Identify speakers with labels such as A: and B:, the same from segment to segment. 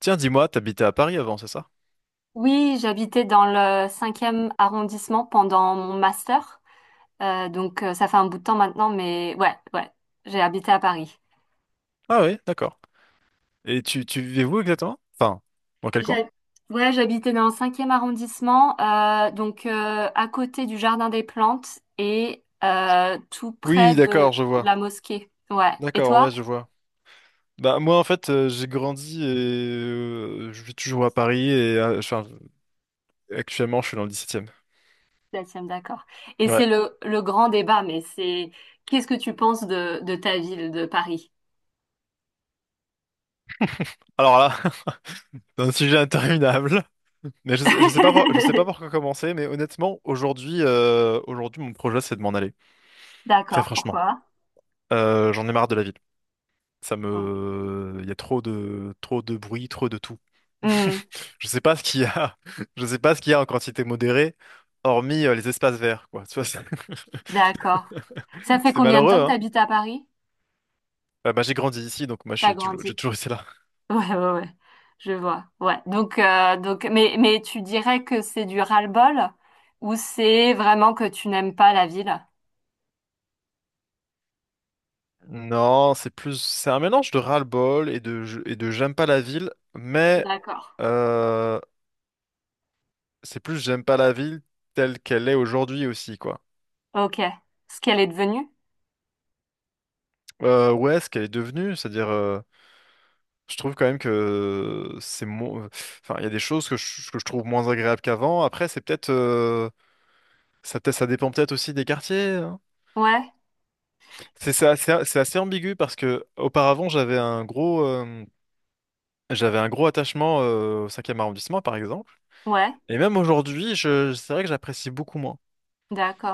A: Tiens, dis-moi, t'habitais à Paris avant, c'est ça?
B: Oui, j'habitais dans le cinquième arrondissement pendant mon master. Ça fait un bout de temps maintenant, mais ouais, j'ai habité à Paris.
A: Ah oui, d'accord. Et tu vivais où exactement? Enfin, dans quel coin?
B: J'ai- Ouais, j'habitais dans le cinquième arrondissement, à côté du Jardin des Plantes et tout près
A: Oui,
B: de
A: d'accord, je vois.
B: la mosquée. Ouais. Et
A: D'accord,
B: toi?
A: ouais, je vois. Bah moi en fait j'ai grandi et je vis toujours à Paris et enfin, actuellement je suis dans le dix-septième.
B: Septième, d'accord. Et
A: Ouais.
B: c'est le grand débat, mais c'est qu'est-ce que tu penses de ta ville, de Paris?
A: Alors là, c'est un sujet interminable. Mais je sais pas, je sais pas par quoi commencer. Mais honnêtement, aujourd'hui, mon projet, c'est de m'en aller. Très
B: D'accord,
A: franchement,
B: pourquoi?
A: J'en ai marre de la ville.
B: Bon.
A: Il y a trop de bruit, trop de tout.
B: Hmm.
A: Je sais pas ce qu'il y a. Je sais pas ce qu'il y a en quantité modérée, hormis les espaces verts, quoi. Tu vois, c'est
B: D'accord. Ça fait
A: c'est
B: combien de
A: malheureux,
B: temps que
A: hein.
B: t'habites à Paris?
A: Bah, j'ai grandi ici, donc moi,
B: T'as grandi.
A: j'ai toujours été là.
B: Ouais, ouais, ouais. Je vois. Ouais. Mais tu dirais que c'est du ras-le-bol ou c'est vraiment que tu n'aimes pas la ville?
A: Non, c'est plus, c'est un mélange de ras-le-bol et et de j'aime pas la ville, mais
B: D'accord.
A: euh, c'est plus j'aime pas la ville telle qu'elle est aujourd'hui aussi, quoi.
B: Ok. Ce qu'elle est devenue?
A: Ouais, ce qu'elle est devenue, c'est-à-dire, je trouve quand même que c'est moins. Enfin, il y a des choses que je trouve moins agréables qu'avant. Après, c'est peut-être ça, peut ça dépend peut-être aussi des quartiers, hein.
B: Ouais.
A: C'est assez, c'est assez ambigu parce que auparavant j'avais un gros attachement au cinquième arrondissement par exemple.
B: Ouais.
A: Et même aujourd'hui, je, c'est vrai que j'apprécie beaucoup moins.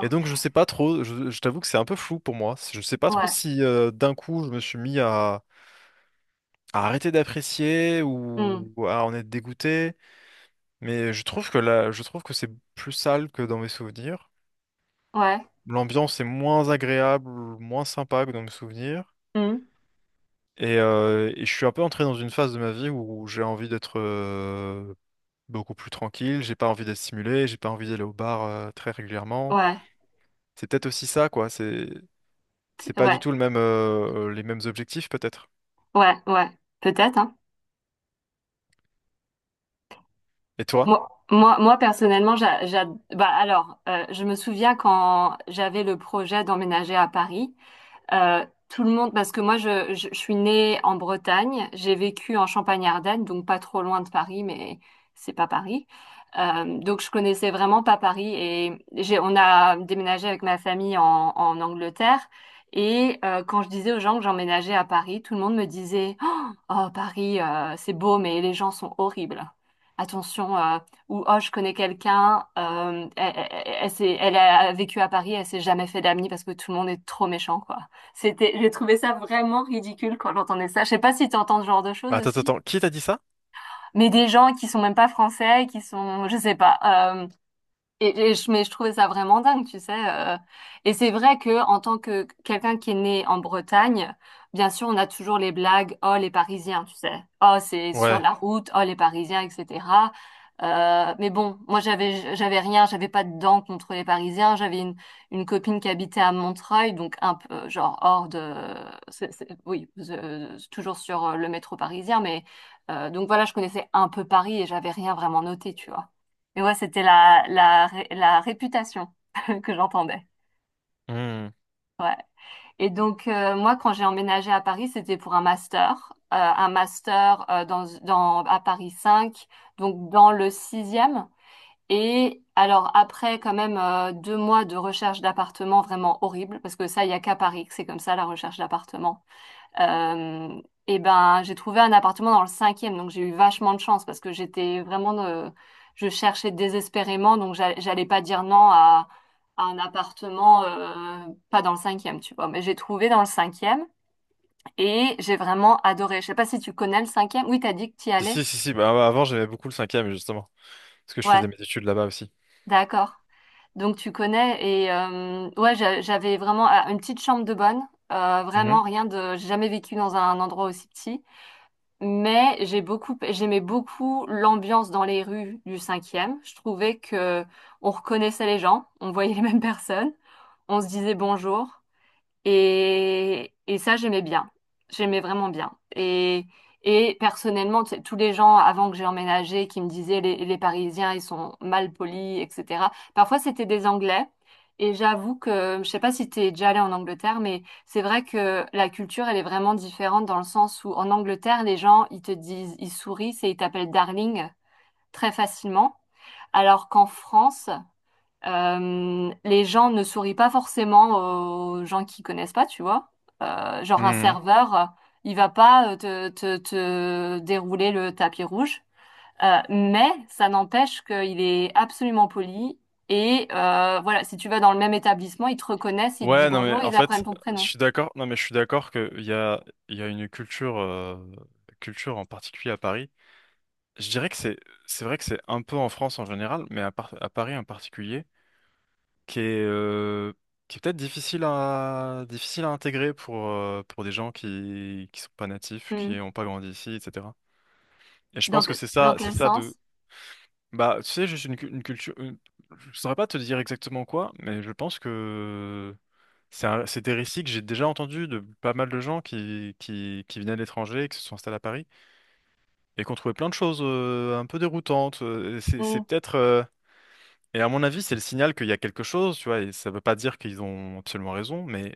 A: Et donc, je sais pas trop, je t'avoue que c'est un peu flou pour moi. Je sais pas trop
B: Ouais.
A: si d'un coup je me suis mis à arrêter d'apprécier
B: Hmm.
A: ou à en être dégoûté. Mais je trouve que là, je trouve que c'est plus sale que dans mes souvenirs.
B: Ouais.
A: L'ambiance est moins agréable, moins sympa que dans mes souvenirs.
B: Hmm.
A: Et je suis un peu entré dans une phase de ma vie où j'ai envie d'être beaucoup plus tranquille, j'ai pas envie d'être stimulé, j'ai pas envie d'aller au bar très régulièrement.
B: Ouais.
A: C'est peut-être aussi ça, quoi. C'est pas du
B: Ouais.
A: tout le même les mêmes objectifs peut-être.
B: Ouais. Ouais. Peut-être, hein.
A: Et toi?
B: Moi, personnellement, je me souviens quand j'avais le projet d'emménager à Paris. Tout le monde, parce que moi, je suis née en Bretagne, j'ai vécu en Champagne-Ardenne, donc pas trop loin de Paris, mais c'est pas Paris. Donc je connaissais vraiment pas Paris et j'ai, on a déménagé avec ma famille en Angleterre. Et quand je disais aux gens que j'emménageais à Paris, tout le monde me disait, oh, Paris, c'est beau, mais les gens sont horribles. Attention, ou oh, je connais quelqu'un, elle a vécu à Paris, elle s'est jamais fait d'amis parce que tout le monde est trop méchant, quoi. C'était, j'ai trouvé ça vraiment ridicule quand j'entendais ça. Je sais pas si tu entends ce genre de choses
A: Attends, attends,
B: aussi,
A: attends. Qui t'a dit ça?
B: mais des gens qui sont même pas français, qui sont, je sais pas. euh, mais je trouvais ça vraiment dingue, tu sais. Et c'est vrai que en tant que quelqu'un qui est né en Bretagne, bien sûr, on a toujours les blagues, oh les Parisiens, tu sais. Oh c'est sur
A: Ouais.
B: la route, oh les Parisiens, etc. Mais bon, moi j'avais rien, j'avais pas de dents contre les Parisiens. J'avais une copine qui habitait à Montreuil, donc un peu genre hors de, oui, toujours sur le métro parisien, mais voilà, je connaissais un peu Paris et j'avais rien vraiment noté, tu vois. Et ouais, c'était la réputation que j'entendais.
A: Hmm.
B: Ouais. Et donc, moi, quand j'ai emménagé à Paris, c'était pour un master. Un master à Paris 5, donc dans le sixième. Et alors, après, quand même, deux mois de recherche d'appartement vraiment horrible, parce que ça, il n'y a qu'à Paris que c'est comme ça, la recherche d'appartement. Euh, et ben, j'ai trouvé un appartement dans le cinquième, donc j'ai eu vachement de chance parce que j'étais vraiment, je cherchais désespérément, donc j'allais pas dire non à, à un appartement pas dans le cinquième, tu vois. Mais j'ai trouvé dans le cinquième et j'ai vraiment adoré. Je sais pas si tu connais le cinquième. Oui, t'as dit que t'y
A: Si,
B: allais.
A: si, si, si. Bah, avant, j'aimais beaucoup le cinquième, justement. Parce que je
B: Ouais,
A: faisais mes études là-bas aussi.
B: d'accord. Donc tu connais et ouais, j'avais vraiment ah, une petite chambre de bonne.
A: Mhm.
B: Vraiment rien de, j'ai jamais vécu dans un endroit aussi petit. Mais j'aimais beaucoup l'ambiance dans les rues du cinquième. Je trouvais que on reconnaissait les gens, on voyait les mêmes personnes, on se disait bonjour. Et ça, j'aimais bien. J'aimais vraiment bien. Et personnellement, tu sais, tous les gens avant que j'ai emménagé qui me disaient les Parisiens, ils sont mal polis, etc. Parfois, c'était des Anglais. Et j'avoue que, je sais pas si t'es déjà allé en Angleterre, mais c'est vrai que la culture, elle est vraiment différente dans le sens où en Angleterre, les gens, ils te disent, ils sourient et ils t'appellent darling très facilement. Alors qu'en France, les gens ne sourient pas forcément aux gens qui connaissent pas, tu vois. Genre un
A: Mhm.
B: serveur, il va pas te dérouler le tapis rouge. Mais ça n'empêche qu'il est absolument poli. Et voilà, si tu vas dans le même établissement, ils te reconnaissent, ils te disent
A: Ouais, non, mais
B: bonjour,
A: en
B: ils apprennent
A: fait,
B: ton
A: je
B: prénom.
A: suis d'accord. Non, mais je suis d'accord qu'il y a, il y a une culture, culture en particulier à Paris. Je dirais que c'est vrai que c'est un peu en France en général, mais à Paris en particulier, qui est, euh, qui est peut-être difficile à, difficile à intégrer pour des gens qui sont pas natifs, qui
B: Hmm.
A: n'ont pas grandi ici, etc. Et je
B: Dans,
A: pense que c'est
B: dans
A: ça, c'est
B: quel
A: ça.
B: sens?
A: Bah, tu sais, juste une culture, une. Je saurais pas te dire exactement quoi, mais je pense que c'est des récits que j'ai déjà entendus de pas mal de gens qui venaient de l'étranger, et qui se sont installés à Paris, et qui ont trouvé plein de choses un peu déroutantes, c'est
B: Mm,
A: peut-être, euh. Et à mon avis, c'est le signal qu'il y a quelque chose, tu vois, et ça veut pas dire qu'ils ont absolument raison, mais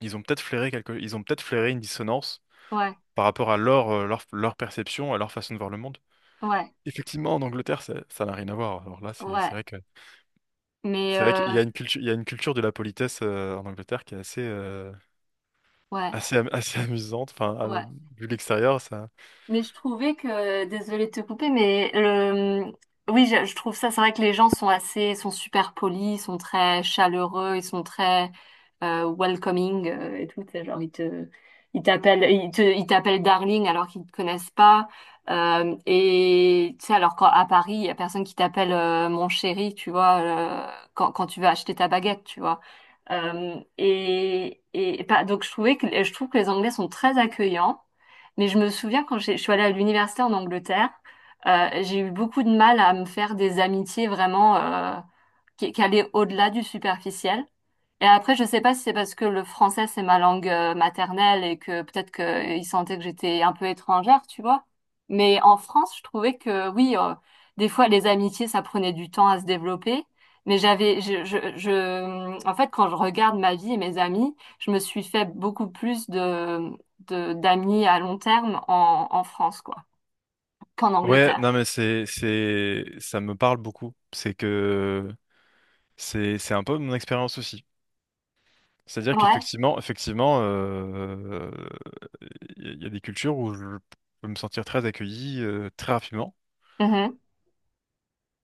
A: ils ont peut-être flairé quelque... ils ont peut-être flairé une dissonance
B: ouais,
A: par rapport à leur, leur, leur perception, à leur façon de voir le monde.
B: ouais,
A: Effectivement, en Angleterre, ça ça n'a rien à voir. Alors là, c'est
B: ouais.
A: vrai que.
B: Mais
A: C'est vrai qu'il y a une culture, il y a une culture de la politesse en Angleterre qui est assez,
B: ouais,
A: assez, assez amusante. Enfin,
B: ouais.
A: vu l'extérieur, ça.
B: Mais je trouvais que, désolée de te couper, mais le, oui, je trouve ça, c'est vrai que les gens sont assez, sont super polis, ils sont très chaleureux, ils sont très welcoming et tout. C'est Genre, ils t'appellent darling alors qu'ils te connaissent pas. Et tu sais, alors qu'à Paris, il y a personne qui t'appelle mon chéri, tu vois, quand tu vas acheter ta baguette, tu vois. Donc je trouve que les Anglais sont très accueillants. Mais je me souviens je suis allée à l'université en Angleterre, j'ai eu beaucoup de mal à me faire des amitiés vraiment qui allaient au-delà du superficiel. Et après, je sais pas si c'est parce que le français, c'est ma langue maternelle et que peut-être qu'ils sentaient que j'étais un peu étrangère, tu vois. Mais en France, je trouvais que oui, des fois, les amitiés, ça prenait du temps à se développer. Mais j'avais, je, en fait, quand je regarde ma vie et mes amis, je me suis fait beaucoup plus d'amis à long terme en France, quoi, qu'en
A: Ouais,
B: Angleterre.
A: non, mais c'est, ça me parle beaucoup. C'est que c'est un peu mon expérience aussi. C'est-à-dire
B: Ouais.
A: qu'effectivement, effectivement, il y a des cultures où je peux me sentir très accueilli très rapidement.
B: Mhm.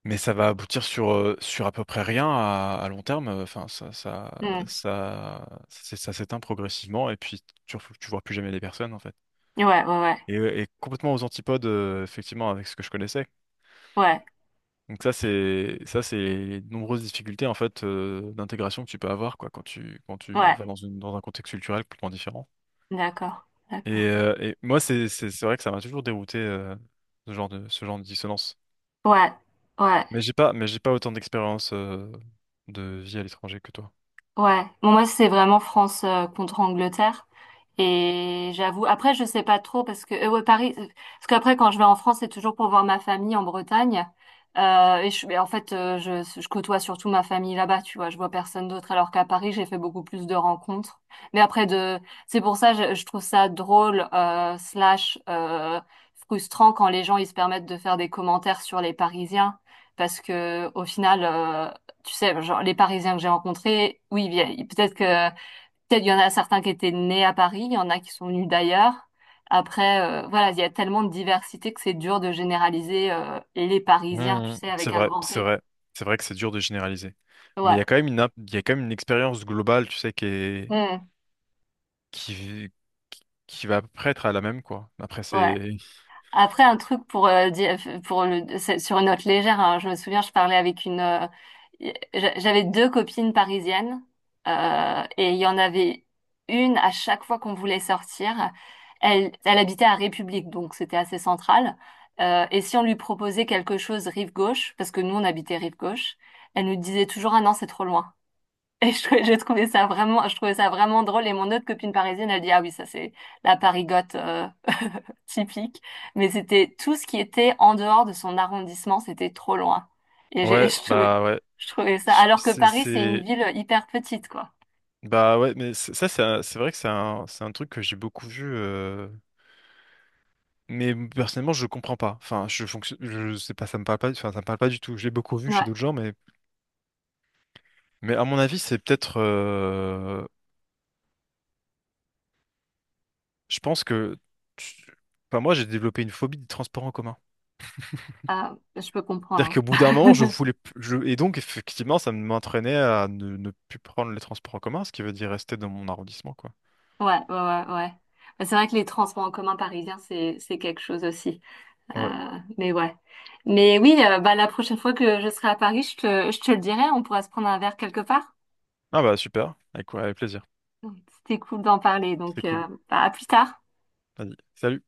A: Mais ça va aboutir sur, sur à peu près rien à, à long terme. Enfin, ça, ça s'éteint progressivement et puis tu vois plus jamais les personnes en fait.
B: Mhm. Ouais, ouais, ouais.
A: Et complètement aux antipodes, effectivement, avec ce que je connaissais.
B: Ouais,
A: Donc ça, c'est les nombreuses difficultés en fait d'intégration que tu peux avoir quoi quand tu
B: ouais.
A: vas dans une dans un contexte culturel complètement différent.
B: D'accord, d'accord.
A: Et moi, c'est c'est vrai que ça m'a toujours dérouté ce genre de dissonance.
B: Ouais, ouais.
A: Mais j'ai pas autant d'expérience de vie à l'étranger que toi.
B: Ouais. Bon, moi, c'est vraiment France contre Angleterre. Et j'avoue, après, je sais pas trop parce que ouais, Paris, parce qu'après, quand je vais en France, c'est toujours pour voir ma famille en Bretagne. Mais en fait, je côtoie surtout ma famille là-bas, tu vois. Je vois personne d'autre, alors qu'à Paris, j'ai fait beaucoup plus de rencontres. Mais c'est pour ça, je trouve ça drôle, slash, frustrant quand les gens ils se permettent de faire des commentaires sur les Parisiens, parce que au final, tu sais, genre, les Parisiens que j'ai rencontrés, oui, peut-être que Peut-être il y en a certains qui étaient nés à Paris, il y en a qui sont venus d'ailleurs. Après, voilà, il y a tellement de diversité que c'est dur de généraliser les Parisiens, tu
A: Mhm.
B: sais,
A: C'est
B: avec un
A: vrai,
B: grand
A: c'est
B: P.
A: vrai. C'est vrai que c'est dur de généraliser. Mais il y
B: Ouais.
A: a quand même il y a quand même une expérience globale, tu sais, qui est,
B: Mm.
A: qui, qui va à peu près être à la même, quoi. Après,
B: Ouais.
A: c'est...
B: Après, un truc pour, c'est sur une note légère, hein. Je me souviens, je parlais avec une, j'avais deux copines parisiennes, et il y en avait une à chaque fois qu'on voulait sortir. Elle, elle habitait à République, donc c'était assez central. Et si on lui proposait quelque chose rive gauche, parce que nous on habitait rive gauche, elle nous disait toujours, ah non, c'est trop loin. Et je trouvais ça vraiment, je trouvais ça vraiment drôle. Et mon autre copine parisienne, elle dit, ah oui, ça c'est la parigote typique. Mais c'était tout ce qui était en dehors de son arrondissement, c'était trop loin. Et
A: Ouais, bah ouais.
B: je trouvais ça. Alors que
A: C'est...
B: Paris, c'est une ville hyper petite, quoi.
A: Bah ouais, mais ça, c'est vrai que c'est un truc que j'ai beaucoup vu, euh. Mais personnellement, je comprends pas. Enfin, je fonctionne, je sais pas, ça me parle pas, enfin, ça me parle pas du tout. Je l'ai beaucoup vu chez
B: Ouais,
A: d'autres gens, mais à mon avis, c'est peut-être, je pense que, tu- enfin, moi, j'ai développé une phobie des transports en commun.
B: ah, je peux
A: C'est-à-dire
B: comprendre,
A: qu'au bout d'un moment, je
B: hein.
A: voulais, plus- je, et donc, effectivement, ça m'entraînait à ne plus prendre les transports en commun, ce qui veut dire rester dans mon arrondissement, quoi.
B: Ouais, ouais, ouais, ouais. Mais c'est vrai que les transports en commun parisiens, c'est quelque chose aussi.
A: Ouais.
B: Mais ouais. Mais oui, bah, la prochaine fois que je serai à Paris, je te le dirai, on pourra se prendre un verre quelque part.
A: Ah bah, super. Avec, ouais, avec plaisir.
B: C'était cool d'en parler,
A: C'était
B: donc
A: cool.
B: bah, à plus tard.
A: Vas-y. Salut.